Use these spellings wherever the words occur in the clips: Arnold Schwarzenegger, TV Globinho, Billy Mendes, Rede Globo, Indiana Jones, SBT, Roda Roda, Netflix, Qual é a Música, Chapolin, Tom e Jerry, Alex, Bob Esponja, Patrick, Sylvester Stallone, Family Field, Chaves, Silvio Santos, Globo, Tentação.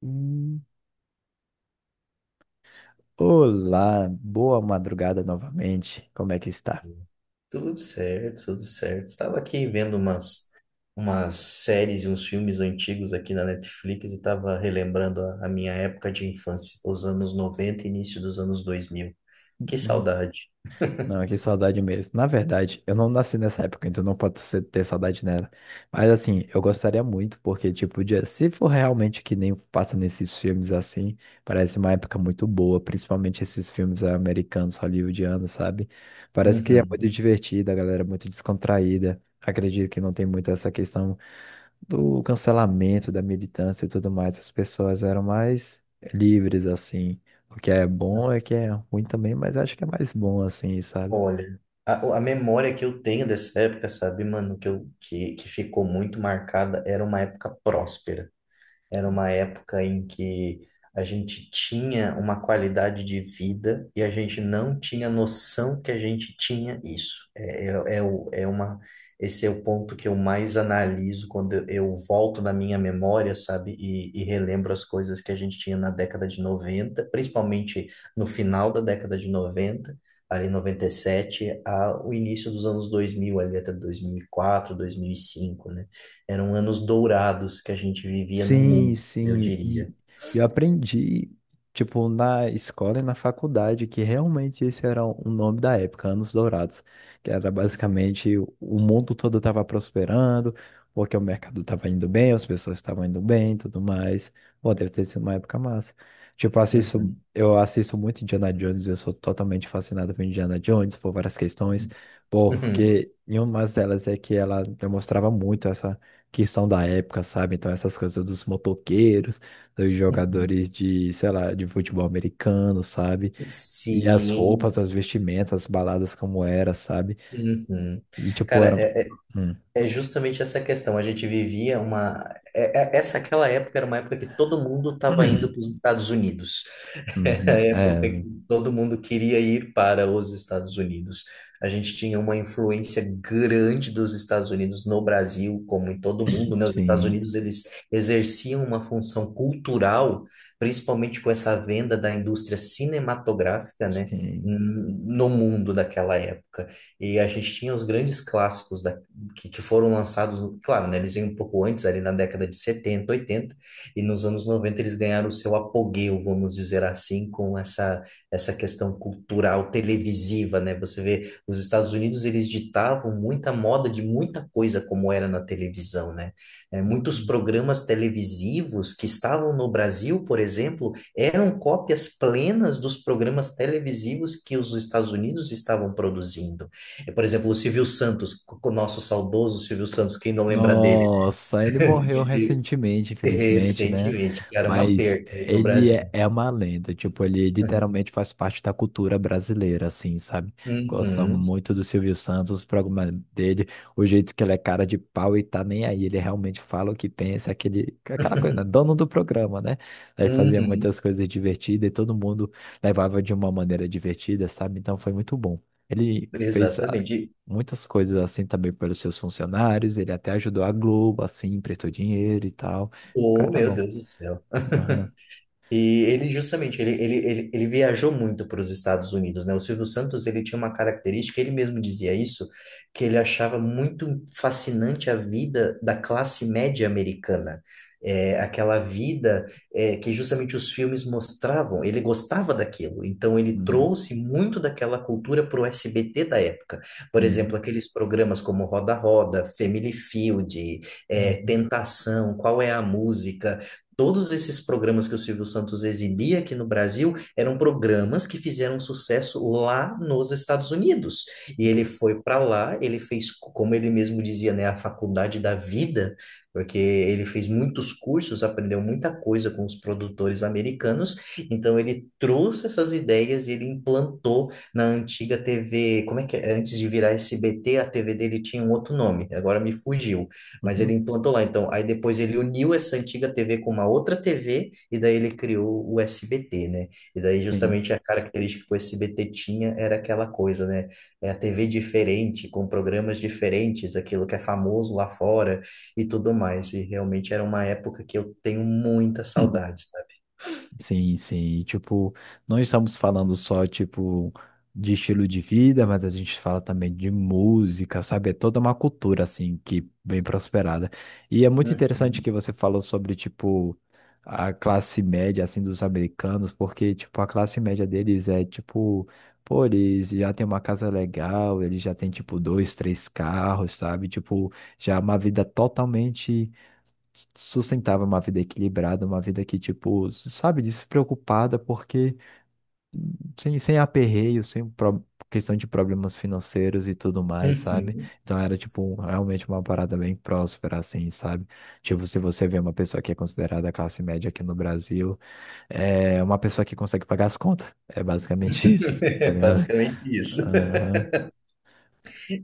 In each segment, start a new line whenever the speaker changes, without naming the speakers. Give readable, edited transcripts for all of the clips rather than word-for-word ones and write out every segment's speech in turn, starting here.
Hum, Olá, boa madrugada novamente. Como é que está?
Tudo certo, tudo certo. Estava aqui vendo umas séries e uns filmes antigos aqui na Netflix e estava relembrando a minha época de infância, os anos 90 e início dos anos dois mil. Que
Uhum.
saudade.
Não, que saudade mesmo. Na verdade, eu não nasci nessa época, então não pode ser- ter saudade nela. Mas assim, eu gostaria muito, porque, tipo, se for realmente que nem passa nesses filmes assim, parece uma época muito boa, principalmente esses filmes americanos, hollywoodianos, sabe? Parece que é
Uhum.
muito divertida, a galera é muito descontraída. Acredito que não tem muito essa questão do cancelamento, da militância e tudo mais, as pessoas eram mais livres, assim. O que é bom é que é ruim também, mas acho que é mais bom, assim, sabe?
Olha, a memória que eu tenho dessa época, sabe, mano, que ficou muito marcada, era uma época próspera. Era uma época em que a gente tinha uma qualidade de vida e a gente não tinha noção que a gente tinha isso. Esse é o ponto que eu mais analiso quando eu volto na minha memória, sabe, e relembro as coisas que a gente tinha na década de noventa, principalmente no final da década de noventa, ali noventa em 97, ao início dos anos 2000 ali até 2004, 2005, eram anos dourados que a gente vivia no
Sim,
mundo, eu
sim. E
diria.
eu aprendi, tipo, na escola e na faculdade, que realmente esse era o nome da época, Anos Dourados, que era basicamente o mundo todo estava prosperando, porque o mercado estava indo bem, as pessoas estavam indo bem, e tudo mais. Pô, deve ter sido uma época massa. Tipo, eu assisto muito Indiana Jones, eu sou totalmente fascinado por Indiana Jones, por várias questões,
Uhum,
porque em uma delas é que ela demonstrava muito essa que são da época, sabe? Então, essas coisas dos motoqueiros, dos
uhum.
jogadores de, sei lá, de futebol americano, sabe? E as roupas,
Sim.
as vestimentas, as baladas como era, sabe?
Uhum.
E, tipo,
Cara,
era....
é, é
Uhum.
é justamente essa questão. A gente vivia uma. É- é- Essa aquela época era uma época que todo mundo estava indo para os Estados Unidos. Era a
É,
época que todo mundo queria ir para os Estados Unidos. A gente tinha uma influência grande dos Estados Unidos no Brasil, como em todo mundo, né? Os Estados
sim,
Unidos, eles exerciam uma função cultural, principalmente com essa venda da indústria cinematográfica, né?
sim.
No mundo daquela época. E a gente tinha os grandes clássicos que foram lançados, claro, né? Eles vêm um pouco antes, ali na década de 70, e nos anos 90 eles ganharam o seu apogeu, vamos dizer assim, com essa questão cultural televisiva, né? Você vê, os Estados Unidos eles ditavam muita moda de muita coisa como era na televisão, né? É, muitos programas televisivos que estavam no Brasil, por exemplo, eram cópias plenas dos programas televisivos que os Estados Unidos estavam produzindo. É, por exemplo, o Silvio Santos, o nosso saudoso Silvio Santos, quem não lembra dele?
Nossa, ele morreu recentemente, infelizmente, né?
Recentemente, que era uma
Mas
perca aí pro
ele
Brasil.
é, é uma lenda, tipo, ele literalmente faz parte da cultura brasileira, assim, sabe? Gostam
Uhum,
muito do Silvio Santos, o programa dele, o jeito que ele é cara de pau e tá nem aí, ele realmente fala o que pensa, aquele, aquela coisa, né? Dono do programa, né? Ele fazia
uhum,
muitas coisas divertidas e todo mundo levava de uma maneira divertida, sabe? Então foi muito bom. Ele fez
exatamente.
muitas coisas assim também pelos seus funcionários. Ele até ajudou a Globo, assim, emprestou dinheiro e tal. O
Oh,
cara é
meu
bom.
Deus do céu.
Aham.
E ele justamente, ele viajou muito para os Estados Unidos, né? O Silvio Santos, ele tinha uma característica, ele mesmo dizia isso, que ele achava muito fascinante a vida da classe média americana. É, aquela vida que justamente os filmes mostravam, ele gostava daquilo, então ele
Uhum.
trouxe muito daquela cultura para o SBT da época. Por exemplo,
Uhum.
aqueles programas como Roda Roda, Family Field,
Uhum.
Tentação, Qual é a Música, todos esses programas que o Silvio Santos exibia aqui no Brasil eram programas que fizeram sucesso lá nos Estados Unidos. E
Uhum.
ele foi para lá, ele fez, como ele mesmo dizia, né, a faculdade da vida, porque ele fez muitos cursos, aprendeu muita coisa com os produtores americanos. Então ele trouxe essas ideias e ele implantou na antiga TV, como é que é? Antes de virar SBT, a TV dele tinha um outro nome, agora me fugiu. Mas ele
Uhum.
implantou lá, então. Aí depois ele uniu essa antiga TV com uma outra TV e daí ele criou o SBT, né? E daí
Sim.
justamente a característica que o SBT tinha era aquela coisa, né? É a TV diferente, com programas diferentes, aquilo que é famoso lá fora e tudo mais. E realmente era uma época que eu tenho muita saudade, sabe?
Sim, sim. E, tipo, não estamos falando só, tipo, de estilo de vida, mas a gente fala também de música, sabe? É toda uma cultura, assim, que bem prosperada. E é muito interessante
Uhum,
que você falou sobre, tipo, a classe média, assim, dos americanos, porque, tipo, a classe média deles é, tipo, pô, eles já têm uma casa legal, eles já têm, tipo, dois, três carros, sabe? Tipo, já é uma vida totalmente sustentava uma vida equilibrada, uma vida que, tipo, sabe, despreocupada, porque sem aperreio, sem pro- questão de problemas financeiros e tudo mais, sabe?
uhum.
Então era, tipo, um, realmente uma parada bem próspera, assim, sabe? Tipo, se você vê uma pessoa que é considerada classe média aqui no Brasil, é uma pessoa que consegue pagar as contas. É basicamente isso, tá
É
ligado?
basicamente isso.
Aham.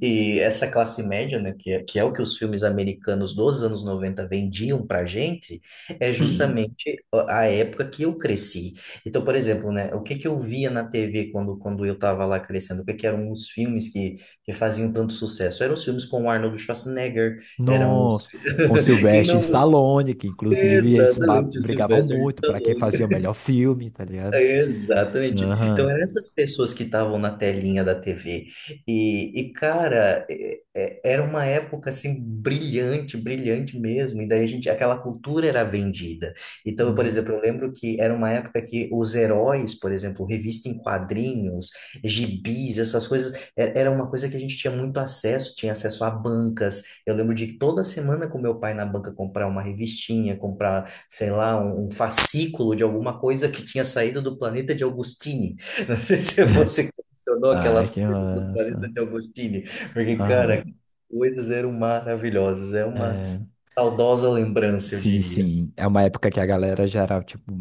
E essa classe média, né, que é o que os filmes americanos dos anos 90 vendiam pra gente, é justamente a época que eu cresci. Então, por exemplo, né, o que que eu via na TV quando, eu tava lá crescendo? O que que eram os filmes que faziam tanto sucesso? Eram os filmes com o Arnold Schwarzenegger, eram os...
Nossa, com
Quem
Sylvester
não...
Stallone, que inclusive eles
Exatamente, o
brigavam
Sylvester
muito para quem
Stallone.
fazia o melhor filme, tá ligado?
Exatamente. Então,
Aham.
eram essas pessoas que estavam na telinha da TV. E cara, era uma época assim brilhante, brilhante mesmo. E daí a gente, aquela cultura era vendida. Então, por
Uhum.
exemplo, eu lembro que era uma época que os heróis, por exemplo, revista em quadrinhos, gibis, essas coisas, era uma coisa que a gente tinha muito acesso, tinha acesso a bancas. Eu lembro de toda semana com meu pai na banca comprar uma revistinha, comprar sei lá, um fascículo de alguma coisa que tinha saído do planeta de Augustine. Não sei se você colecionou
Ai,
aquelas
que
coisas do planeta
massa.
de Augustine, porque, cara, aquelas
Aham.
coisas eram maravilhosas. É uma
É,
saudosa lembrança, eu
sim,
diria.
sim. É uma época que a galera já era, tipo.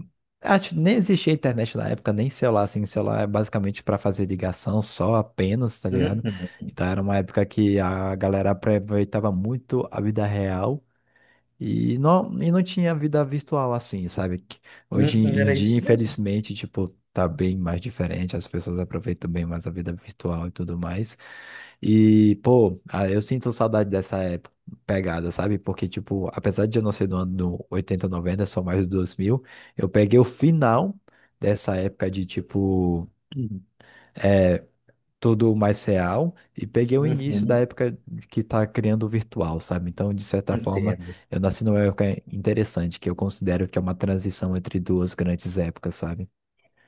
Acho que nem existia internet na época, nem celular, assim. Celular é basicamente para fazer ligação só apenas, tá ligado?
Uhum,
Então era uma época que a galera aproveitava muito a vida real. E não tinha vida virtual assim, sabe? Que hoje
uhum,
em
era
dia,
isso mesmo.
infelizmente, tipo, tá bem mais diferente, as pessoas aproveitam bem mais a vida virtual e tudo mais. E, pô, ah, eu sinto saudade dessa época, pegada, sabe? Porque, tipo, apesar de eu não ser do ano 80 90 só mais dos dois mil, eu peguei o final dessa época de, tipo, tudo mais real e peguei o início da
Uhum,
época que está criando o virtual, sabe? Então, de certa forma,
entendo.
eu nasci numa época interessante, que eu considero que é uma transição entre duas grandes épocas, sabe?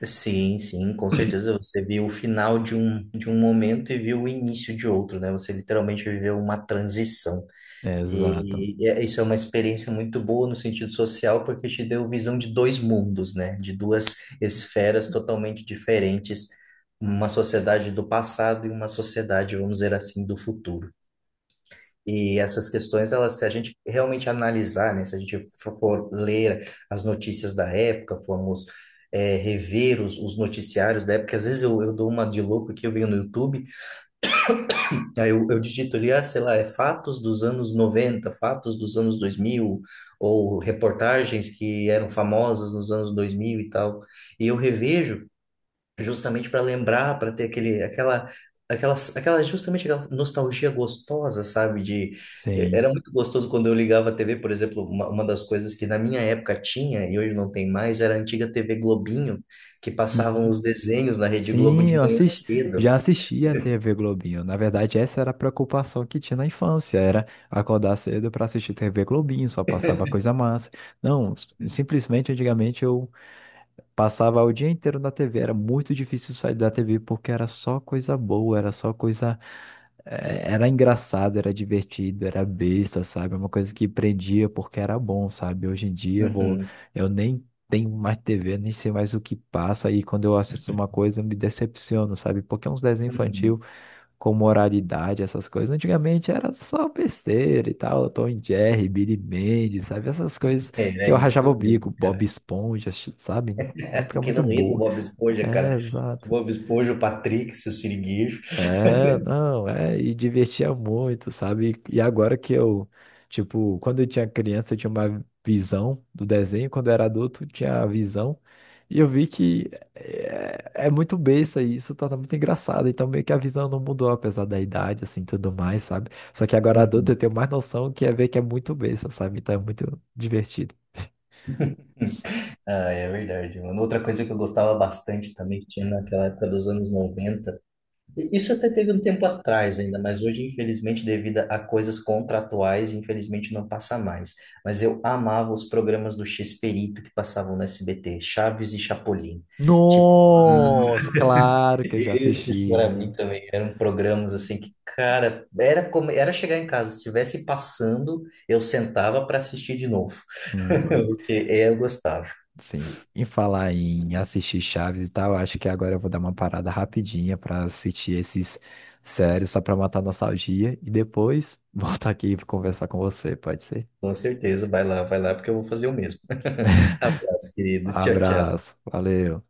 Sim, sim, com certeza você viu o final de um momento e viu o início de outro, né? Você literalmente viveu uma transição.
É, exato.
E isso é uma experiência muito boa no sentido social, porque te deu visão de dois mundos, né? De duas esferas totalmente diferentes, uma sociedade do passado e uma sociedade, vamos dizer assim, do futuro. E essas questões, elas, se a gente realmente analisar, né? Se a gente for ler as notícias da época, formos rever os noticiários da época, às vezes eu dou uma de louco que eu venho no YouTube. Aí eu digito ali, ah, sei lá, é fatos dos anos noventa, fatos dos anos dois mil, ou reportagens que eram famosas nos anos 2000 e tal. E eu revejo justamente para lembrar, para ter aquele, aquela, justamente aquela nostalgia gostosa, sabe?
Sim.
Era muito gostoso quando eu ligava a TV, por exemplo, uma das coisas que na minha época tinha, e hoje não tem mais, era a antiga TV Globinho, que passavam
Uhum.
os desenhos na Rede Globo
Sim,
de
eu
manhã
assisti,
cedo.
já assisti a TV Globinho. Na verdade, essa era a preocupação que tinha na infância, era acordar cedo para assistir TV Globinho, só passava coisa massa. Não, simplesmente antigamente eu passava o dia inteiro na TV, era muito difícil sair da TV porque era só coisa boa, era só coisa. Era engraçado, era divertido, era besta, sabe? Uma coisa que prendia porque era bom, sabe? Hoje em dia eu vou...
Uhum,
eu nem tenho mais TV, nem sei mais o que passa, e quando eu assisto uma coisa eu me decepciono, sabe? Porque é uns desenhos infantis
uhum.
com moralidade, essas coisas. Antigamente era só besteira e tal, Tom e Jerry, Billy Mendes, sabe? Essas coisas
Era
que eu rachava
isso
o bico,
mesmo,
Bob
cara.
Esponja, sabe? Uma época
Aquilo
muito
não ia com o
boa.
Bob Esponja,
É,
cara. O
exato.
Bob Esponja, o Patrick, seu siriguejo.
É, não, é, e divertia muito, sabe? E agora que eu, tipo, quando eu tinha criança, eu tinha uma visão do desenho, quando eu era adulto, eu tinha a visão, e eu vi que é, é muito besta e isso torna muito engraçado, então meio que a visão não mudou, apesar da idade, assim, tudo mais, sabe? Só que agora adulto eu
Uhum.
tenho mais noção que é ver que é muito besta, sabe? Então é muito divertido.
Ah, é verdade, mano. Outra coisa que eu gostava bastante também, que tinha naquela época dos anos 90. E isso até teve um tempo atrás ainda, mas hoje, infelizmente, devido a coisas contratuais, infelizmente não passa mais. Mas eu amava os programas do x que passavam no SBT, Chaves e Chapolin. Tipo,
Nossa, claro que eu já
esses
assisti,
para
né?
mim também eram programas assim que, cara, era como era chegar em casa, se estivesse passando, eu sentava para assistir de novo. Porque eu gostava.
Sim. Em falar em assistir Chaves e tal, acho que agora eu vou dar uma parada rapidinha pra assistir esses séries só pra matar a nostalgia e depois voltar aqui e conversar com você, pode ser?
Com certeza, vai lá porque eu vou fazer o mesmo. Abraço, querido. Tchau, tchau.
Abraço, valeu.